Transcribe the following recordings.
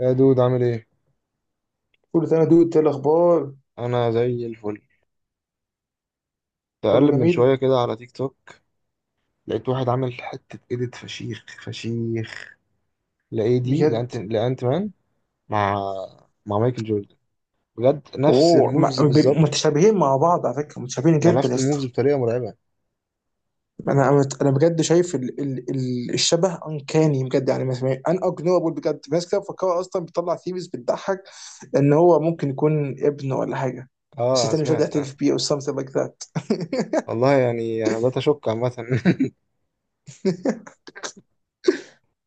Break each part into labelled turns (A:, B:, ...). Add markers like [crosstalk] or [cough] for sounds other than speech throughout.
A: يا دود، عامل ايه؟
B: كله تمام يا دود، إيه الاخبار؟
A: انا زي الفل.
B: كله
A: تقلب من شويه
B: جميل
A: كده على تيك توك، لقيت واحد عامل حته ايديت فشيخ فشيخ، لايه دي،
B: بجد.
A: لانت لانت مان مع مع مايكل جوردن. بجد نفس
B: اوه ما-
A: الموفز
B: ب-
A: بالظبط.
B: متشابهين مع بعض على فكره، متشابهين
A: يعني
B: جدا يا
A: نفس
B: اسطى.
A: الموفز بطريقه مرعبه.
B: انا انا أنا بجد شايف ال الشبه انكاني، بجد يعني مثلا ان اجنورابل. بجد في ناس كده مفكره اصلا بيطلع ثيريز، بتضحك ان هو ممكن يكون ابن ولا حاجه، بس
A: اه،
B: التاني مش راضي
A: سمعت
B: يعترف
A: آه.
B: بيه، او something like that.
A: والله يعني انا بدأت اشك عامه.
B: [laughs]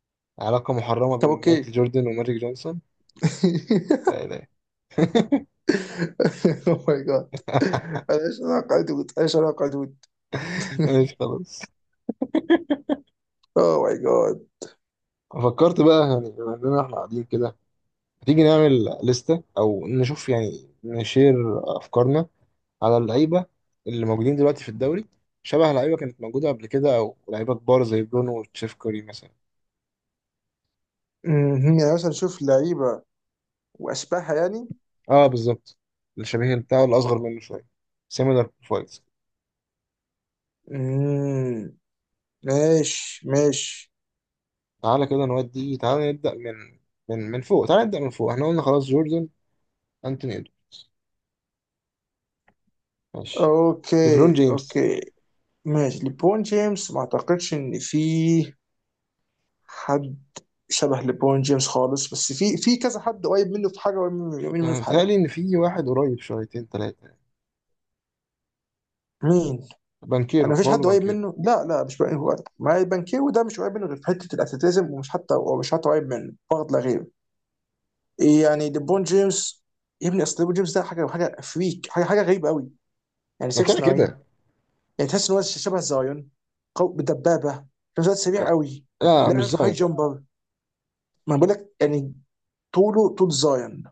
A: [laughs] علاقه محرمه
B: طب
A: بين مايكل
B: اوكي.
A: جوردن وماجيك جونسون. لا،
B: [laughs]
A: لا.
B: اوه ماي جاد، ايش علاقه دود، ايش علاقه دود.
A: ماشي،
B: [laughs]
A: خلاص. [laughs]
B: اوه ماي جاد.
A: فكرت بقى، يعني بما اننا احنا قاعدين كده، هتيجي نعمل لستة أو نشوف، يعني نشير أفكارنا على اللعيبة اللي موجودين دلوقتي في الدوري، شبه لعيبة كانت موجودة قبل كده أو لعيبة كبار زي برونو وتشيفكوري مثلا.
B: [laughs] مهم. يعني مثلا شوف لعيبه واشباهها يعني.
A: أه بالظبط، الشبيه بتاعه الأصغر منه شوية، similar profiles.
B: امم، ماشي ماشي.
A: تعالى كده نودي، تعالى نبدأ من من فوق، تعالى نبدأ من فوق. احنا قلنا خلاص جوردن، أنتوني إدوارد. ماشي، ليبرون
B: اوكي
A: جيمس.
B: اوكي، ماشي. ليبرون جيمس، ما اعتقدش ان في حد شبه ليبرون جيمس خالص، بس في كذا حد قريب منه في حاجه، قريب منه
A: يعني
B: في حاجه.
A: بيتهيألي إن في واحد قريب شويتين تلاتة،
B: مين؟ انا
A: بانكيرو،
B: مفيش
A: باولو
B: حد قريب
A: بانكيرو.
B: منه، لا لا، مش بقى هو. ما بانكيرو ده مش قريب منه غير في حته الاتليتيزم، ومش حتى قريب منه، فقط لا غير. يعني ليبرون جيمس يا ابني، اصل ليبرون جيمس ده حاجه، فريك حاجه غريبه قوي. يعني
A: ما كده
B: 6
A: كده.
B: 9، يعني تحس ان هو شبه زايون. دبابه في نفس الوقت سريع
A: لا،
B: قوي.
A: لا،
B: لا،
A: مش
B: نفسه هاي
A: ظاهر، لا.
B: جامبر. ما بقول لك، يعني طوله طول زايون.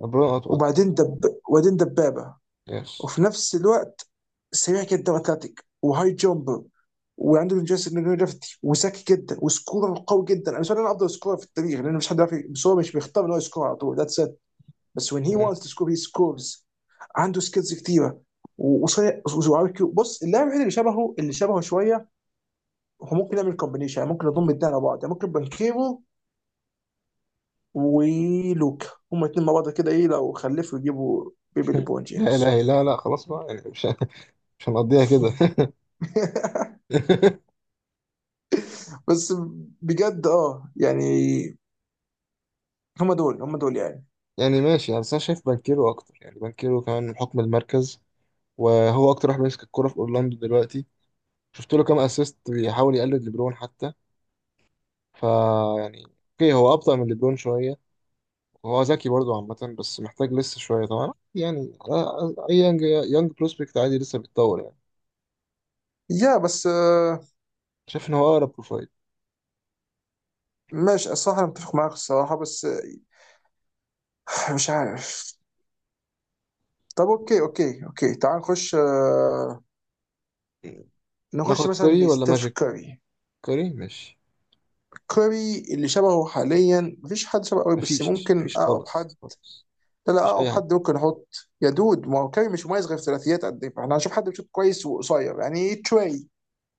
A: ليبرون أطول.
B: وبعدين دبابه
A: يس.
B: وفي نفس الوقت سريع جدا واتلتيك وهاي جامبر، وعنده جاستن جرافيتي، وذكي جدا، وسكورر قوي جدا. انا بالنسبه لي انا افضل سكورر في التاريخ، لان مش حد عارف، بس هو مش بيختار ان هو يسكور على طول، ذاتس ات. بس when he
A: مم.
B: wants to score he scores. عنده سكيلز كتيره وسريع بص، اللاعب الوحيد اللي شبهه شويه هو ممكن يعمل كومبينيشن، يعني ممكن يضم الدنيا على بعض، يعني ممكن بانكيرو ولوكا، هما الاثنين مع بعض كده. ايه لو خلفوا يجيبوا بيبي
A: [laughs]
B: ليبرون
A: لا،
B: جيمس؟
A: لا، لا، لا، خلاص بقى، يعني مش هنقضيها كده.
B: [laughs]
A: [laughs]
B: بس بجد اه يعني، هما دول يعني.
A: يعني ماشي، يعني بس انا شايف بانكيرو اكتر، يعني بانكيرو كمان من حكم المركز، وهو اكتر واحد ماسك الكرة في اورلاندو دلوقتي، شفت له كام اسيست بيحاول يقلد ليبرون حتى. فا يعني اوكي، هو ابطأ من ليبرون شوية، وهو ذكي برضه عامة، بس محتاج لسه شوية طبعا يعني. اي يانج، يانج بروسبكت عادي لسه بيتطور يعني.
B: يا بس آه،
A: شايف ان هو اقرب بروفايل.
B: ماشي، الصراحة أنا متفق معاك الصراحة، بس آه، مش عارف. طب أوكي أوكي أوكي، تعال نخش آه، نخش
A: ناخد
B: مثلا
A: كوري ولا
B: لستيف
A: ماجيك؟
B: كاري.
A: كوري ماشي.
B: كاري اللي شبهه حاليا مفيش حد شبهه قوي، بس
A: مفيش
B: ممكن
A: مفيش
B: أقرب حد.
A: خالص.
B: لا لا،
A: مفيش
B: اقرب
A: اي حد.
B: حد ممكن احط. يا دود ما هو كاري مش مميز غير في ثلاثيات، قد ايه فاحنا هنشوف حد بيشوط كويس وقصير، يعني تري.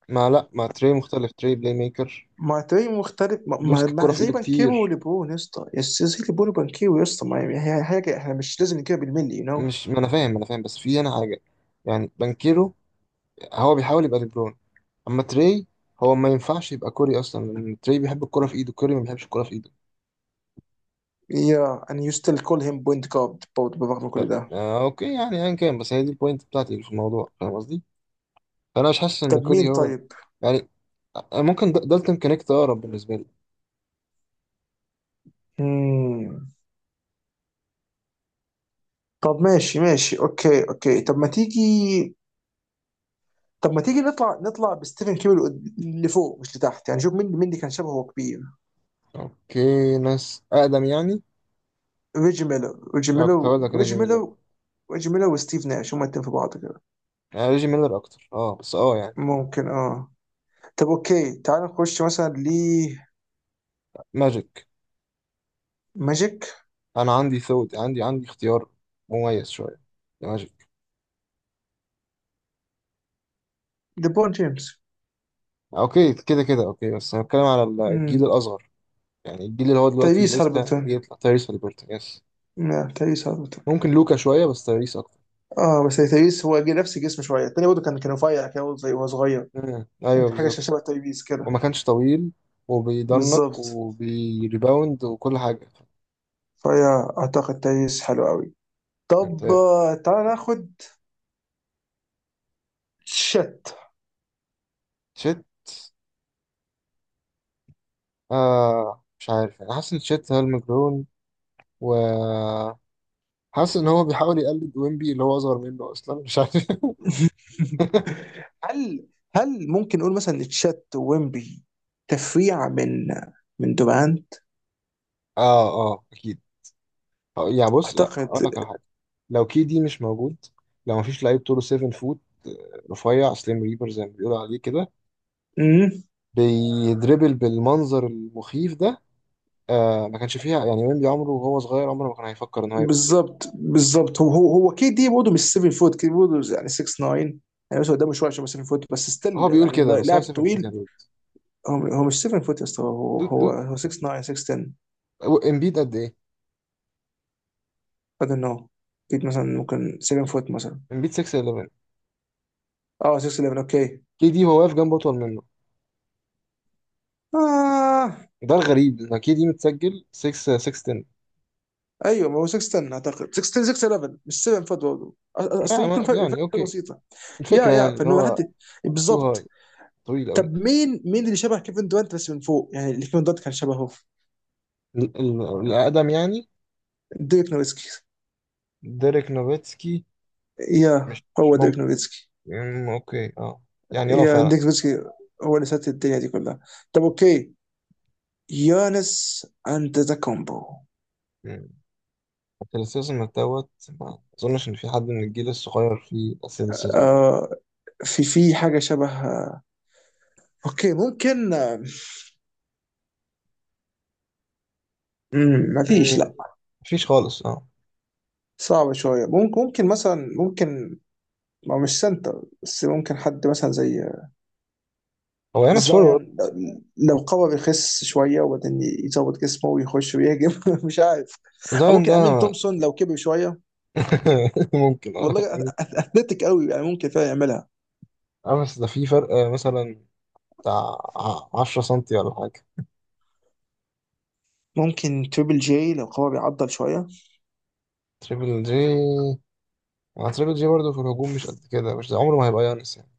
A: ما، لا، ما تري مختلف، تري بلاي ميكر.
B: ما تري مختلف. ما, ما,
A: بيمسك الكرة
B: ما
A: في
B: زي
A: ايده
B: بانكيرو
A: كتير.
B: وليبرون يا اسطى، زي ليبرون وبانكيرو يا اسطى، ما هي هي حاجه، احنا مش لازم نجيبها بالملي، يو نو.
A: مش، ما انا فاهم، بس في هنا حاجة. يعني بانكيرو هو بيحاول يبقى دي بروين. اما تري، هو ما ينفعش يبقى كوري اصلا، لان تري بيحب الكرة في ايده، كوري ما بيحبش الكرة في ايده.
B: يا and you still call him point guard برضه بالرغم من كل ده.
A: اوكي يعني، ايا كان، بس هي دي البوينت بتاعتي في الموضوع، فاهم قصدي. فانا مش حاسس ان
B: طب مين
A: كوري هو،
B: طيب؟
A: يعني ممكن دالتون كونكت اقرب بالنسبة لي.
B: مم. طب ماشي ماشي، اوكي اوكي. طب ما تيجي، طب ما تيجي نطلع، نطلع بستيفن كيري لفوق مش لتحت يعني. شوف مين، مين اللي كان شبهه كبير.
A: اوكي، ناس اقدم يعني.
B: ريجي ميلو ريجي
A: اه، كنت هقول
B: ميلو
A: لك ريجي
B: ريجي
A: ميلر.
B: ميلو ريجي ميلو وستيف ناش، هما الاتنين في بعض كده.
A: ريجي ميلر اكتر، اه، بس اه يعني.
B: ممكن اه. طب اوكي، تعال نخش مثلا ل،
A: ماجيك.
B: ماجيك.
A: انا عندي ثوت، عندي اختيار مميز شويه. ماجيك.
B: ليبرون جيمس.
A: اوكي، كده كده، اوكي، بس هنتكلم على الجيل
B: امم.
A: الاصغر، يعني الجيل اللي هو دلوقتي
B: تايريس
A: لسه
B: هالبرتون،
A: بيطلع، تايريس هاليبرتون، يس.
B: لا تايريس هالبرتون.
A: ممكن لوكا شويه، بس تايريس اكتر.
B: اه بس تايريس هو جه نفس الجسم شويه، التاني برضه كان رفيع كده برضه، زي وهو صغير.
A: مم، ايوه
B: كان حاجه
A: بالظبط.
B: شبه تايريس كده.
A: وما كانش طويل، وبيضنك
B: بالظبط،
A: وبيريباوند وكل حاجه.
B: فيا اعتقد تايريس حلو قوي.
A: يعني
B: طب آه، تعال ناخد، شت.
A: تشيت. آه، مش عارف يعني، حاسس ان تشيت هالمجنون، و، حاسس ان هو بيحاول يقلد ويمبي اللي هو اصغر منه اصلا، مش عارف.
B: [laughs]
A: [laughs]
B: هل، هل ممكن نقول مثلا ان تشات ويمبي تفريع من دورانت
A: اه، اه، اكيد. يعني بص، لا،
B: اعتقد.
A: اقول لك على حاجه. لو كي دي مش موجود، لو مفيش لعيب طوله 7 فوت، رفيع سليم ريبر زي ما بيقولوا عليه كده،
B: مم.
A: بيدربل بالمنظر المخيف ده. ما كانش فيها يعني، ويمبي عمره وهو صغير، عمره ما كان هيفكر ان هو يبقى الدود.
B: بالظبط بالظبط. هو كي دي برضه مش 7 فوت، كي دي برضه يعني 6 9 يعني، بس قدامه شويه عشان 7 فوت، بس ستيل
A: هو بيقول
B: يعني
A: كده، بس هو
B: لاعب
A: 7 فوت يا
B: طويل.
A: دود.
B: هو مش 7 فوت يا اسطى، هو
A: دود
B: هو
A: دود
B: هو 6 9، 6 10.
A: هو امبيد قد ايه؟
B: I don't know، اكيد مثلا ممكن 7 فوت مثلا.
A: امبيد 6 11.
B: اه 6 11 اوكي.
A: كي دي هو واقف جنبه اطول منه.
B: آه
A: ده الغريب، ان كي دي متسجل 6، 6 10.
B: ايوه، ما هو 6 10، اعتقد 6 10 6 11، مش 7 فات برضه. اصل ممكن
A: يعني
B: فرق،
A: اوكي،
B: بسيطه يا
A: الفكره
B: يا
A: يعني اللي
B: فانه
A: هو
B: حد،
A: تو
B: بالظبط.
A: هاي، طويل قوي.
B: طب مين، مين اللي شبه كيفن دورانت بس من فوق، يعني اللي كيفن دورانت كان شبهه؟
A: ال- ال- الاقدم يعني.
B: ديريك نوفيتسكي.
A: ديريك نوفيتسكي.
B: يا
A: مش
B: هو
A: ممكن.
B: ديريك نوفيتسكي،
A: أمم، اوكي اه، يعني اه
B: يا
A: فعلا.
B: ديريك نوفيتسكي، هو اللي سات الدنيا دي كلها. طب اوكي، يانس اند ذا كومبو.
A: أمم، الاتليتيزم دوت. ما اظنش ان في حد من الجيل الصغير فيه الاتليتيزم ده.
B: آه، في في حاجه شبه، اوكي ممكن آه، مم، ما فيش
A: أمم،
B: لا.
A: مفيش خالص اه.
B: صعبه شويه، ممكن ممكن مثلا، ممكن. ما هو مش سنتر، بس ممكن حد مثلا زي
A: هو يانس فورورد.
B: زايان، لو قوى بيخس شويه وبعدين يظبط جسمه ويخش ويهجم. [laughs] مش عارف. او
A: زاين
B: ممكن
A: ده؟
B: امين تومسون لو كبر شويه.
A: [laughs] ممكن اه
B: والله
A: يعني.
B: اثليتيك قوي، يعني ممكن فعلا يعملها.
A: اه بس ده في فرق، مثلا بتاع 10 سنتي ولا حاجة.
B: ممكن تريبل جي لو قوى بيعضل شويه.
A: تريبل جي. تريبل جي برضه في الهجوم مش قد كده، مش زي- عمره ما هيبقى يانس يعني.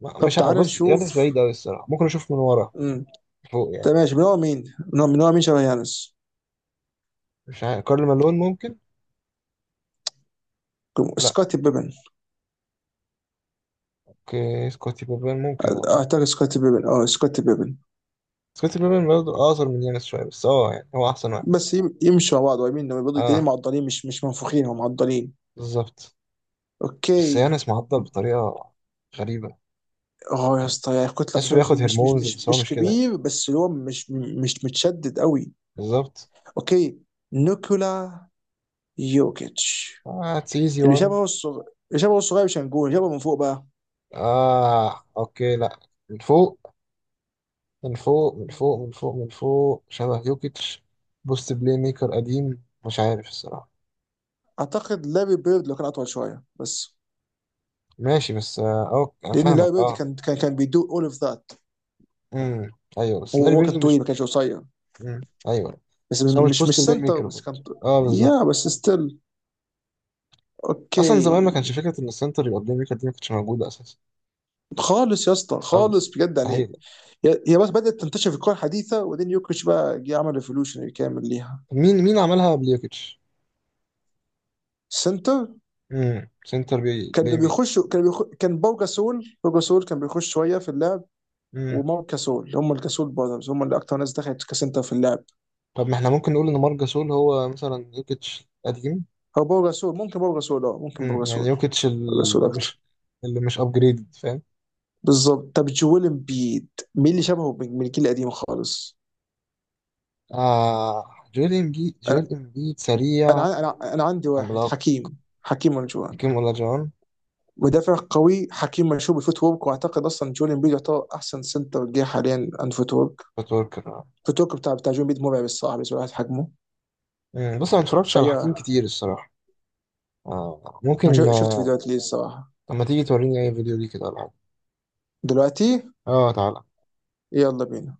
A: ما-
B: طب
A: مش ع-
B: تعال
A: بص يانس
B: نشوف.
A: بعيد أوي الصراحة، ممكن أشوف من ورا
B: امم.
A: فوق
B: طب
A: يعني.
B: ماشي، من هو مين؟ من هو، مين شبه يانس؟
A: مش عارف، كارل مالون ممكن. لا.
B: سكوتي بيبن.
A: اوكي، سكوتي بابان ممكن والله.
B: اعتقد سكوتي بيبن، اه سكوتي بيبن.
A: سكوتي بابان برضه اقصر من يانس شويه، بس اه يعني هو احسن واحد.
B: بس يمشوا مع بعض قريبين لما بيضوا، التنين
A: اه
B: معضلين، مش مش منفوخين، هم معضلين.
A: بالظبط. بس
B: اوكي.
A: يانس معضل بطريقه غريبه.
B: اه يا
A: يعني
B: اسطى، يعني كتلة، بس
A: تحسه
B: هو مش
A: بياخد
B: مش مش
A: هرمونز،
B: مش
A: بس هو
B: مش
A: مش كده يعني.
B: كبير، بس اللي هو مش متشدد قوي.
A: بالظبط.
B: اوكي. نيكولا يوكيتش.
A: اه، اتس ايزي
B: اللي
A: وان.
B: شبهه الصغير، اللي شبهه الصغير، مش هنقول اللي شبهه من فوق بقى.
A: اه اوكي لا، من فوق من فوق شبه يوكيتش. بوست بلاي ميكر قديم، مش عارف الصراحه.
B: اعتقد لاري بيرد لو كان اطول شويه بس،
A: ماشي، بس اه انا
B: لان
A: فاهمك
B: لاري بيرد
A: اه.
B: كان كان بيدو اول اوف ذات.
A: امم، ايوه، بس
B: هو
A: لاري
B: هو كان
A: بيرد مش.
B: طويل، ما كانش قصير.
A: مم، ايوه.
B: بس
A: بس هو مش
B: مش
A: بوست بلاي
B: سنتر
A: ميكر
B: بس
A: برضه،
B: كان
A: اه
B: يا
A: بالظبط.
B: بس ستيل.
A: اصلا زمان ما
B: اوكي.
A: كانش فكره ان السنتر يبقى بلاي ميكر دي، ما كانتش موجوده اساسا.
B: خالص يا اسطى،
A: خالص،
B: خالص بجد يعني.
A: مستحيل.
B: هي هي بس بدات تنتشر في الكره الحديثه، وبعدين يوكيتش بقى جه عمل ريفولوشن كامل ليها.
A: مين عملها قبل يوكيتش؟
B: سنتر،
A: امم، سنتر بي بلاي
B: كانوا
A: ميكر.
B: بيخشوا، كان باو جاسول، باو جاسول كان بيخش شويه في اللعب.
A: امم،
B: ومارك جاسول، هم الجاسول براذرز، هم اللي اكتر ناس دخلت كسنتر في اللعب.
A: طب ما احنا ممكن نقول ان مارك جاسول هو مثلا يوكيتش قديم.
B: او باو جاسول، ممكن باو جاسول، اه ممكن باو
A: امم، يعني
B: جاسول،
A: يوكيتش
B: باو جاسول اكتر.
A: مش اللي مش ابجريد، فاهم.
B: بالظبط. طب جويل امبيد، مين اللي شبهه من الجيل القديم خالص؟
A: آه، جويل امبيد، جويل
B: انا
A: امبيد سريع،
B: أنا عندي واحد،
A: عملاق.
B: حكيم. حكيم ونجوان،
A: حكيم ولا جون؟
B: مدافع قوي. حكيم مشهور بالفوت ورك، واعتقد اصلا جويل امبيد يعتبر احسن سنتر جه حاليا عن فوت ورك.
A: بتوركر.
B: الفوت ورك بتاع جويل امبيد مرعب الصراحه بالنسبه لواحد حجمه.
A: بس انا ما اتفرجتش على حكيم
B: فيا
A: كتير الصراحه. آه
B: انا
A: ممكن.
B: شفت فيديوهات ليه الصراحه.
A: طب ما تيجي توريني اي فيديو ليه كده ولا حاجه.
B: دلوقتي؟
A: اه، تعال.
B: يلا بينا.